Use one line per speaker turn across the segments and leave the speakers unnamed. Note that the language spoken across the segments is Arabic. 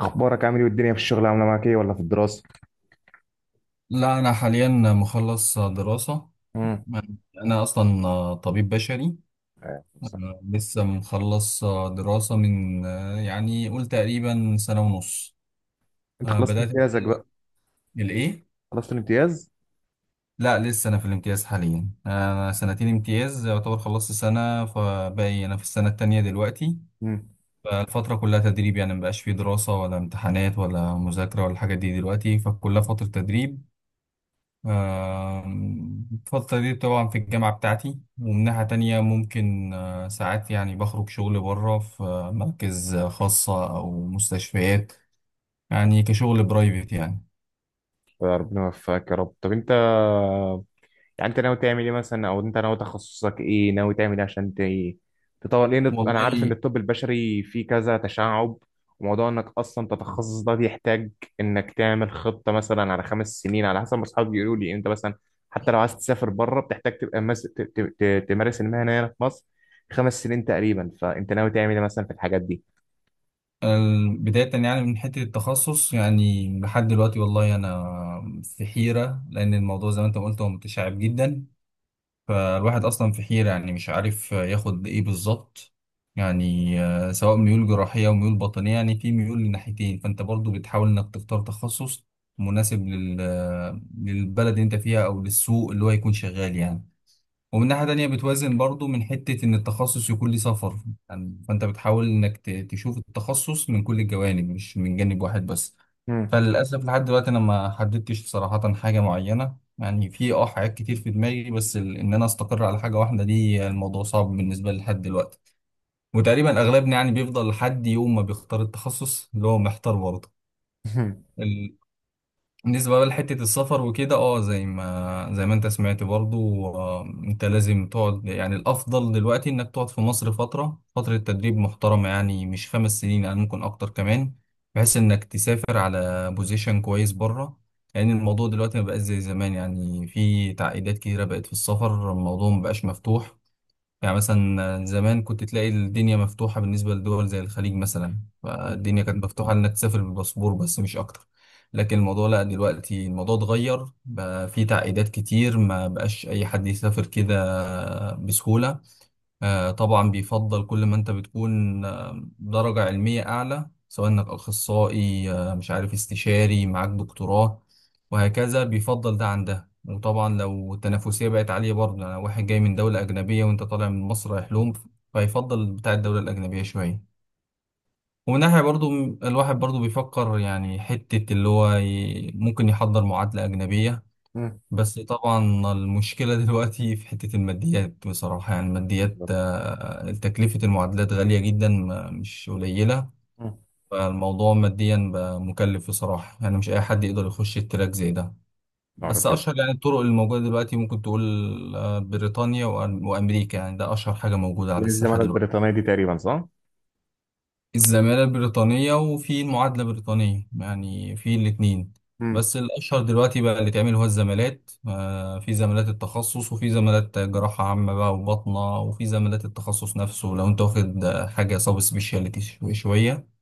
اخبارك عامل ايه والدنيا في الشغل عامله معاك ايه ولا في الدراسه؟
لا، أنا حاليا مخلص دراسة.
امم.
أنا أصلا طبيب بشري
آه، صح.
لسه مخلص دراسة من، يعني قول، تقريبا سنة ونص.
انت خلصت
بدأت
امتيازك
أتعلم
بقى؟
الإيه؟
خلصت الامتياز؟
لا، لسه أنا في الامتياز حاليا، أنا سنتين امتياز يعتبر خلصت سنة فباقي أنا في السنة التانية دلوقتي.
امم.
فالفترة كلها تدريب، يعني مبقاش فيه دراسة ولا امتحانات ولا مذاكرة ولا الحاجات دي دلوقتي، فكلها فترة تدريب. الفترة دي طبعا في الجامعة بتاعتي. ومن ناحية تانية ممكن ساعات، يعني بخرج شغل بره في مراكز خاصة أو مستشفيات، يعني كشغل برايفت يعني.
ربنا يوفقك يا رب. طب انت يعني انت ناوي تعمل ايه مثلا، او انت ناوي تخصصك ايه، ناوي تعمل ايه عشان تطور، لان انا عارف ان
والله.
الطب البشري فيه كذا تشعب، وموضوع انك اصلا تتخصص ده بيحتاج انك تعمل خطة مثلا على 5 سنين، على حسب ما اصحابي بيقولوا لي. انت مثلا حتى لو عايز تسافر بره بتحتاج تبقى مس... ت... ت... ت... تمارس المهنة هنا في مصر 5 سنين تقريبا. فانت ناوي تعمل ايه مثلا في الحاجات دي؟
آه، بداية يعني من حتة التخصص، يعني لحد دلوقتي والله أنا في حيرة، لأن الموضوع زي ما أنت قلت هو متشعب جدا. فالواحد أصلا في حيرة، يعني مش عارف ياخد إيه بالظبط. يعني سواء ميول جراحية أو ميول باطنية، يعني في ميول لناحيتين، فأنت برضو بتحاول إنك تختار تخصص مناسب لل... آه، للبلد اللي أنت فيها أو للسوق اللي هو يكون شغال يعني. ومن ناحية تانية بتوازن برضو من حتة إن التخصص يكون ليه سفر. يعني فأنت بتحاول إنك تشوف التخصص من كل الجوانب مش من جانب واحد بس.
مم.
فللأسف لحد دلوقتي أنا ما حددتش صراحة حاجة معينة، يعني في حاجات كتير في دماغي، بس إن أنا أستقر على حاجة واحدة دي الموضوع صعب بالنسبة لي لحد دلوقتي. وتقريبا أغلبنا يعني بيفضل لحد يوم ما بيختار التخصص اللي هو محتار برضه.
مم.
بالنسبة بقى لحتة السفر وكده، زي ما انت سمعت برضو، انت لازم تقعد، يعني الافضل دلوقتي انك تقعد في مصر فترة، فترة تدريب محترمة، يعني مش 5 سنين، يعني ممكن اكتر كمان، بحيث انك تسافر على بوزيشن كويس بره. لان يعني الموضوع دلوقتي ما بقاش زي زمان، يعني في تعقيدات كتيرة بقت في السفر، الموضوع ما بقاش مفتوح. يعني مثلا زمان كنت تلاقي الدنيا مفتوحة بالنسبة لدول زي الخليج مثلا، فالدنيا كانت مفتوحة إنك تسافر بالباسبور بس مش أكتر. لكن الموضوع، لا، دلوقتي الموضوع اتغير بقى، فيه تعقيدات كتير، ما بقاش أي حد يسافر كده بسهولة. طبعا بيفضل كل ما انت بتكون درجة علمية أعلى، سواء انك أخصائي، مش عارف، استشاري، معاك دكتوراه، وهكذا. بيفضل ده عن ده. وطبعا لو التنافسية بقت عالية برضه، يعني واحد جاي من دولة أجنبية وانت طالع من مصر، هيحلم، فيفضل بتاع الدولة الأجنبية شوية. ومن ناحية برضه الواحد برضه بيفكر، يعني حتة اللي هو ممكن يحضر معادلة أجنبية.
مم.
بس طبعا المشكلة دلوقتي في حتة الماديات بصراحة، يعني الماديات،
بالظبط.
تكلفة المعادلات غالية جدا، مش قليلة.
مم.
فالموضوع ماديا بقى مكلف بصراحة، يعني مش أي حد يقدر يخش التراك زي ده. بس
ربنا.
أشهر يعني الطرق الموجودة دلوقتي، ممكن تقول بريطانيا وأمريكا، يعني ده أشهر حاجة موجودة على
زي
الساحة
الزمالة
دلوقتي.
البريطانية دي تقريبا، صح؟
الزمالة البريطانية وفي المعادلة البريطانية، يعني في الاتنين. بس الأشهر دلوقتي بقى اللي اتعمل هو الزمالات. في زمالات التخصص، وفي زمالات جراحة عامة بقى وباطنة، وفي زمالات التخصص نفسه لو انت واخد حاجة سبيشاليتي شوية.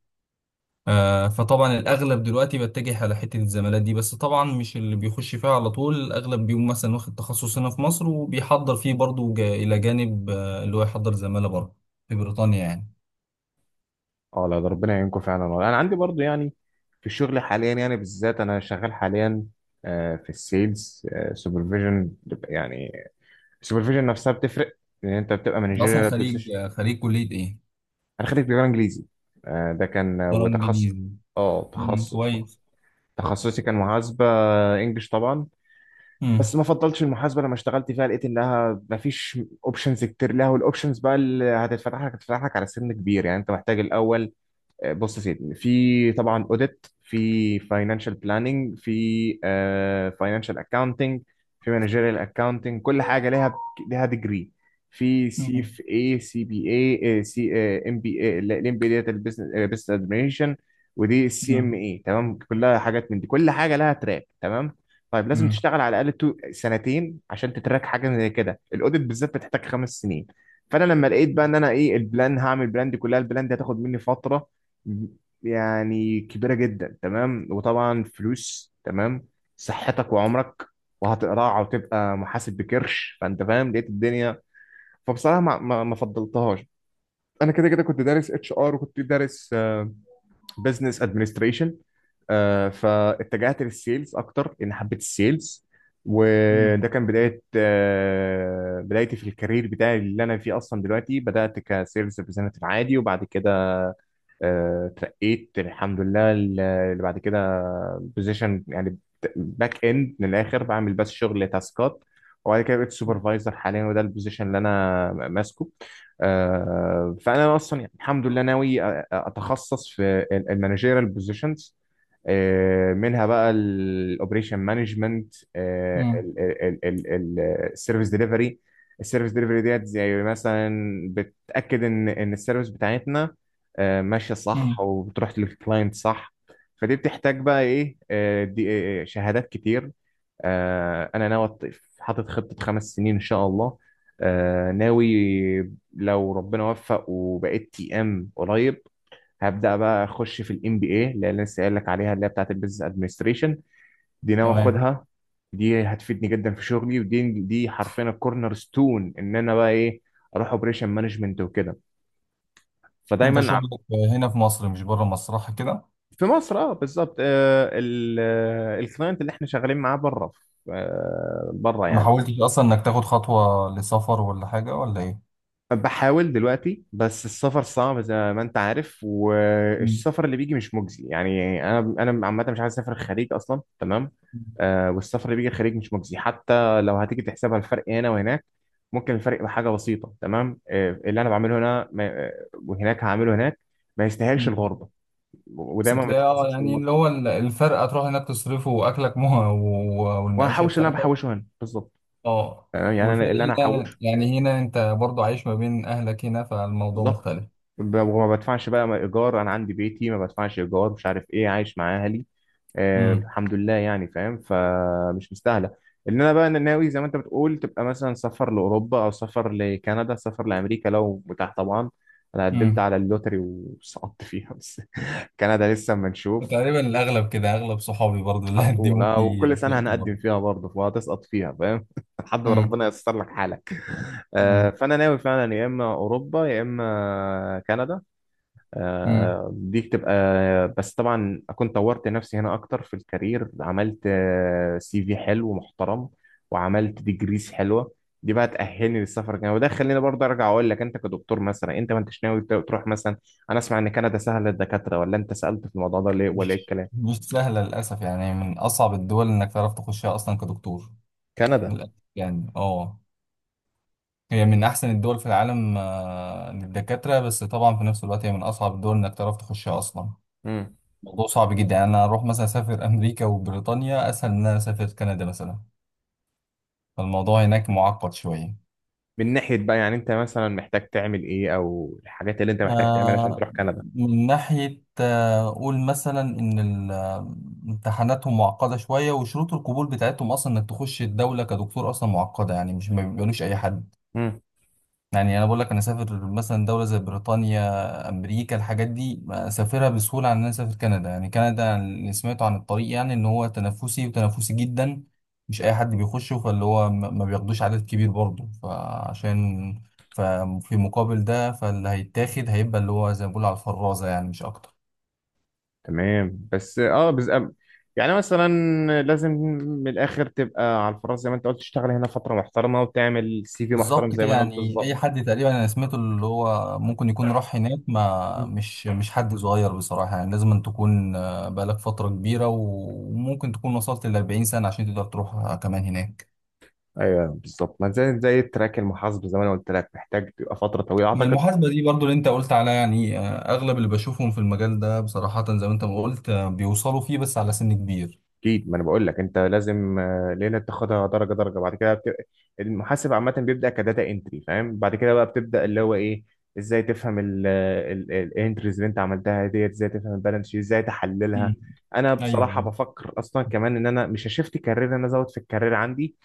فطبعا الأغلب دلوقتي بتجه على حتة الزمالات دي. بس طبعا مش اللي بيخش فيها على طول، الأغلب بيقوم مثلا واخد تخصص هنا في مصر وبيحضر فيه برضه إلى جانب اللي هو يحضر زمالة بره في بريطانيا يعني.
اه، لا، ده ربنا يعينكم فعلا. انا عندي برضو يعني، في الشغل حاليا، يعني بالذات انا شغال حاليا في السيلز، سوبرفيجن يعني. السوبرفيجن نفسها بتفرق، لان انت بتبقى
انت أصلا
مانجيريال
خريج،
بوزيشن.
خريج كلية إيه؟
انا خريج تجاره انجليزي. ده كان
دولار
وتخصص.
انجليزي.
اه،
مم،
تخصص.
كويس.
تخصصي كان محاسبه، انجلش طبعا.
مم.
بس ما فضلتش المحاسبه، لما اشتغلت فيها لقيت انها ما فيش اوبشنز كتير لها. والاوبشنز بقى اللي هتتفتح لك هتتفتح لك على سن كبير، يعني انت محتاج الاول. بص يا سيدي، في طبعا اوديت، في فاينانشال بلاننج، في فاينانشال اكاونتنج، في مانجيريال اكاونتنج، كل حاجه ليها ليها ديجري. في سي
مم.
في، اي سي بي، اي سي، ام بي اي، الام بي ديت البيزنس ادمنستريشن، ودي السي ام
مم.
اي. تمام، كلها حاجات من دي، كل حاجه لها تراك. تمام. طيب لازم
مم.
تشتغل على الاقل سنتين عشان تتراك حاجه زي كده. الاوديت بالذات بتحتاج 5 سنين. فانا لما لقيت بقى ان انا ايه البلان، هعمل البلان دي كلها، البلان دي هتاخد مني فتره يعني كبيرة جدا، تمام. وطبعا فلوس، تمام، صحتك وعمرك، وهتقرع وتبقى محاسب بكرش، فانت فاهم، لقيت الدنيا. فبصراحة ما فضلتهاش. انا كده كده كنت دارس اتش ار، وكنت دارس بزنس ادمنستريشن، فاتجهت للسيلز اكتر لان حبيت السيلز.
مم.
وده كان بداية، بدايتي في الكارير بتاعي اللي انا فيه اصلا دلوقتي. بدأت كسيلز ريبريزنتيف عادي، وبعد كده اترقيت الحمد لله اللي بعد كده بوزيشن يعني باك اند. من الاخر بعمل بس شغل تاسكات. وبعد كده بقيت سوبرفايزر حاليا، وده البوزيشن اللي انا ماسكه. فانا اصلا يعني الحمد لله ناوي اتخصص في المانجيرال بوزيشنز، منها بقى الاوبريشن مانجمنت،
مم.
السيرفيس ديليفري. السيرفيس ديليفري ديت زي مثلا بتاكد ان السيرفيس بتاعتنا ماشيه صح،
مم.
وبتروح للكلاينت صح. فدي بتحتاج بقى ايه، آه، دي آه، شهادات كتير. انا ناوي حاطط خطه 5 سنين ان شاء الله. ناوي لو ربنا وفق وبقيت تي ام قريب، هبدأ بقى أخش في الام بي اي اللي أنا لسه قايل لك عليها، اللي هي بتاعت البيزنس ادمنستريشن. دي ناوي
تمام.
آخدها. دي هتفيدني جدا في شغلي، ودي حرفيا الكورنر ستون إن أنا بقى إيه، أروح اوبريشن مانجمنت وكده.
انت
فدايما
شغلك هنا في مصر مش بره مصر، صح كده؟
في مصر، أه بالظبط. الكلاينت اللي إحنا شغالين معاه بره بره
ما
يعني.
حاولتش اصلا انك تاخد خطوة لسفر ولا حاجة ولا ايه؟
بحاول دلوقتي، بس السفر صعب زي ما انت عارف.
مم.
والسفر اللي بيجي مش مجزي. يعني انا عامه مش عايز اسافر الخليج اصلا، تمام. آه، والسفر اللي بيجي الخليج مش مجزي، حتى لو هتيجي تحسبها الفرق هنا وهناك ممكن الفرق بحاجه بسيطه، تمام. آه، اللي انا بعمله هنا ما وهناك هعمله هناك، ما يستاهلش
مم.
الغربه.
بس
ودايما ما
تلاقي،
تتحسبش
يعني،
بالمصري.
اللي هو الفرق تروح هناك تصرفه، واكلك مها، والمعيشه
وهحوش اللي انا
بتاعتك.
بحوشه هنا، بالظبط.
اه.
تمام؟ يعني انا
والفرق
اللي انا
هنا،
هحوشه.
يعني هنا انت برضو عايش ما بين اهلك هنا، فالموضوع
بالظبط.
مختلف.
وما بدفعش بقى ايجار، انا عندي بيتي، ما بدفعش ايجار، مش عارف ايه، عايش مع اهلي، آه
مم.
الحمد لله يعني فاهم، فمش مستاهله ان انا بقى. أنا ناوي زي ما انت بتقول تبقى مثلا سفر لاوروبا او سفر لكندا، سفر لامريكا لو متاح طبعا. انا قدمت
مم.
على اللوتري وسقطت فيها بس. كندا لسه اما نشوف.
تقريبا الاغلب كده، اغلب صحابي برضو اللي
على طول.
هتديموا في
وكل سنه
افلام
هنقدم
برضو.
فيها برضه فهتسقط فيها، فاهم. لحد ما
امم.
ربنا ييسر لك حالك.
امم.
فانا ناوي فعلا يا اما اوروبا يا اما كندا.
امم.
دي بتبقى، بس طبعا اكون طورت نفسي هنا اكتر في الكارير، عملت سي في حلو ومحترم، وعملت ديجريز حلوه، دي بقى تأهلني للسفر الجاي. وده خليني برضه ارجع اقول لك، انت كدكتور مثلا، انت ما انتش ناوي تروح مثلا؟ انا اسمع ان كندا سهله للدكاتره، ولا انت سألت في الموضوع ده ليه، ولا ايه
مش
الكلام؟
مش سهله للاسف، يعني من اصعب الدول انك تعرف تخشها اصلا كدكتور.
كندا.
للاسف يعني. اه. هي من احسن الدول في العالم للدكاتره. بس طبعا في نفس الوقت هي من اصعب الدول انك تعرف تخشها اصلا.
مم.
الموضوع صعب جدا، يعني انا اروح مثلا اسافر امريكا وبريطانيا اسهل من ان انا اسافر كندا مثلا. فالموضوع هناك معقد شويه.
من ناحيه بقى يعني انت مثلا محتاج تعمل ايه، او الحاجات اللي انت محتاج تعملها عشان
آه،
تروح كندا؟
من ناحية، قول مثلا إن امتحاناتهم معقدة شوية، وشروط القبول بتاعتهم أصلا إنك تخش الدولة كدكتور أصلا معقدة، يعني مش، ما بيقبلوش أي حد. يعني انا بقول لك انا اسافر مثلا دوله زي بريطانيا، امريكا، الحاجات دي اسافرها بسهوله عن ان انا اسافر كندا. يعني كندا، اللي سمعته عن الطريق يعني ان هو تنافسي وتنافسي جدا، مش اي حد بيخشه، فاللي هو ما بياخدوش عدد كبير برضه فعشان، ففي مقابل ده فاللي هيتاخد هيبقى اللي هو زي ما بيقولوا على الفرازه، يعني مش اكتر.
تمام، بس اه بس يعني مثلا، لازم من الاخر تبقى على الفراغ زي ما انت قلت، تشتغل هنا فتره محترمه، وتعمل سي في محترم،
بالظبط
زي
كده،
ما انا قلت
يعني اي
بالظبط.
حد تقريبا انا سمعته اللي هو ممكن يكون راح هناك ما
مم.
مش حد صغير بصراحه، يعني لازم أن تكون بقالك فتره كبيره، وممكن تكون وصلت ل 40 سنه عشان تقدر تروح كمان هناك.
ايوه بالظبط. ما زي زي التراك المحاسب زي ما انا قلت لك، محتاج تبقى فتره طويله
من
اعتقد.
المحاسبه دي برضو اللي انت قلت عليها، يعني اغلب اللي بشوفهم في المجال ده بصراحه زي ما انت ما قلت، بيوصلوا فيه بس على سن كبير.
اكيد. ما انا بقول لك انت لازم ليله تاخدها درجه درجه، بعد كده المحاسب عامه بيبدا كداتا انتري، فاهم. بعد كده بقى بتبدا اللي هو ايه، ازاي تفهم الانتريز اللي انت عملتها ديت، ازاي تفهم البالانس شيت، ازاي تحللها.
مم.
انا
ايوه،
بصراحه
ايوه.
بفكر اصلا كمان ان انا مش هشفت كارير، انا ازود في الكارير عندي.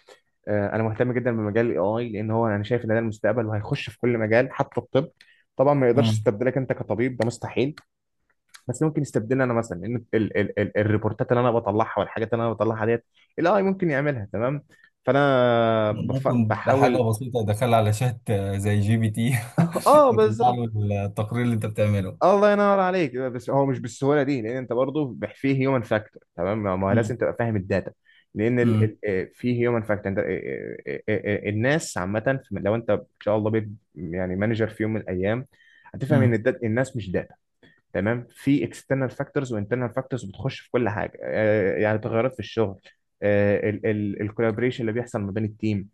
انا مهتم جدا بمجال الاي اي، لان هو انا شايف ان ده المستقبل وهيخش في كل مجال، حتى الطب. طبعا ما يقدرش
مم.
يستبدلك انت كطبيب، ده مستحيل. بس ممكن يستبدلني انا مثلا، لان ال الريبورتات اللي انا بطلعها والحاجات اللي انا بطلعها ديت الاي ممكن يعملها، تمام. فانا
ممكن بحاجه
بحاول.
بسيطه، دخل على شات زي GPT
اه
يطلع
بالظبط.
له التقرير اللي انت بتعمله.
الله ينور عليك، بس هو مش بالسهوله دي، لان انت برضه فيه هيومن فاكتور. تمام، ما هو لازم
مم.
تبقى فاهم الداتا. لان ال... ال...
مم.
آه، فيه هيومن فاكتور انت. الناس عامه لو انت ان شاء الله بيت يعني مانجر في يوم من الايام، هتفهم ان
مم.
الناس مش داتا، تمام. في اكسترنال فاكتورز وانترنال فاكتورز بتخش في كل حاجه، يعني تغيرات في الشغل، الكولابريشن اللي بيحصل ما بين التيم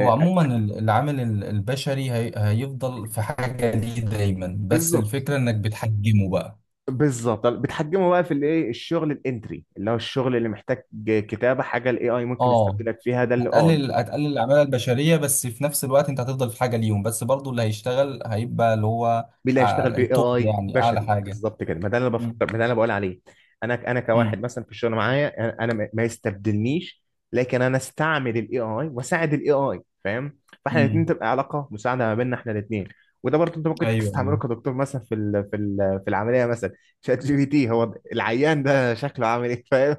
هو عموما العامل البشري هيفضل في حاجة ليه دايما، بس
بالظبط.
الفكرة انك بتحجمه بقى.
بالظبط، بتحجمه بقى في الايه الشغل الانتري، اللي هو الشغل اللي محتاج كتابه حاجه، الاي اي ممكن
اه.
يستبدلك فيها، ده اللي اه.
هتقلل العمالة البشرية، بس في نفس الوقت انت هتفضل في حاجة ليهم، بس برضو اللي هيشتغل هيبقى اللي هو
مين اللي
أع-
هيشتغل؟ باي
التوب،
اي
يعني اعلى
بشري،
حاجة.
بالظبط كده. ما ده اللي انا بفكر،
مم.
ما ده اللي انا بقول عليه. انا كواحد
مم.
مثلا في الشغل معايا، انا ما يستبدلنيش. لكن انا استعمل الاي اي واساعد الاي اي، فاهم. فاحنا الاثنين
مم.
تبقى علاقه مساعده ما بيننا احنا الاثنين. وده برضه انت ممكن
ايوه،
تستعمله
ايوه.
كدكتور مثلا في العمليه مثلا. شات جي بي تي، هو العيان ده شكله عامل ايه، فاهم.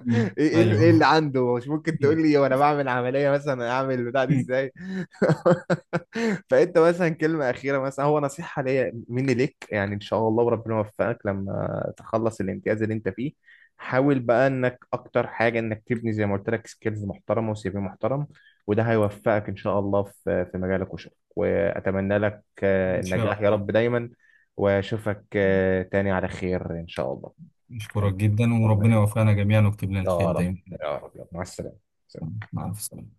مم. ايوه.
إيه اللي عنده، مش ممكن تقول لي وانا بعمل عمليه مثلا اعمل البتاع دي
مم.
ازاي؟ فانت مثلا كلمه اخيره مثلا هو نصيحه ليا مني ليك، يعني ان شاء الله وربنا يوفقك لما تخلص الامتياز اللي انت فيه، حاول بقى انك اكتر حاجه انك تبني زي ما قلت لك سكيلز محترمه وسي في محترم. وده هيوفقك ان شاء الله في مجالك وشغلك. واتمنى لك
ان شاء
النجاح يا
الله.
رب دايما. واشوفك تاني على خير ان شاء الله.
نشكرك جدا،
الله
وربنا
يخليك.
يوفقنا جميعا ويكتب لنا
يا
الخير
رب.
دايما.
يا رب يا رب. مع السلامة. سلام.
مع السلامة.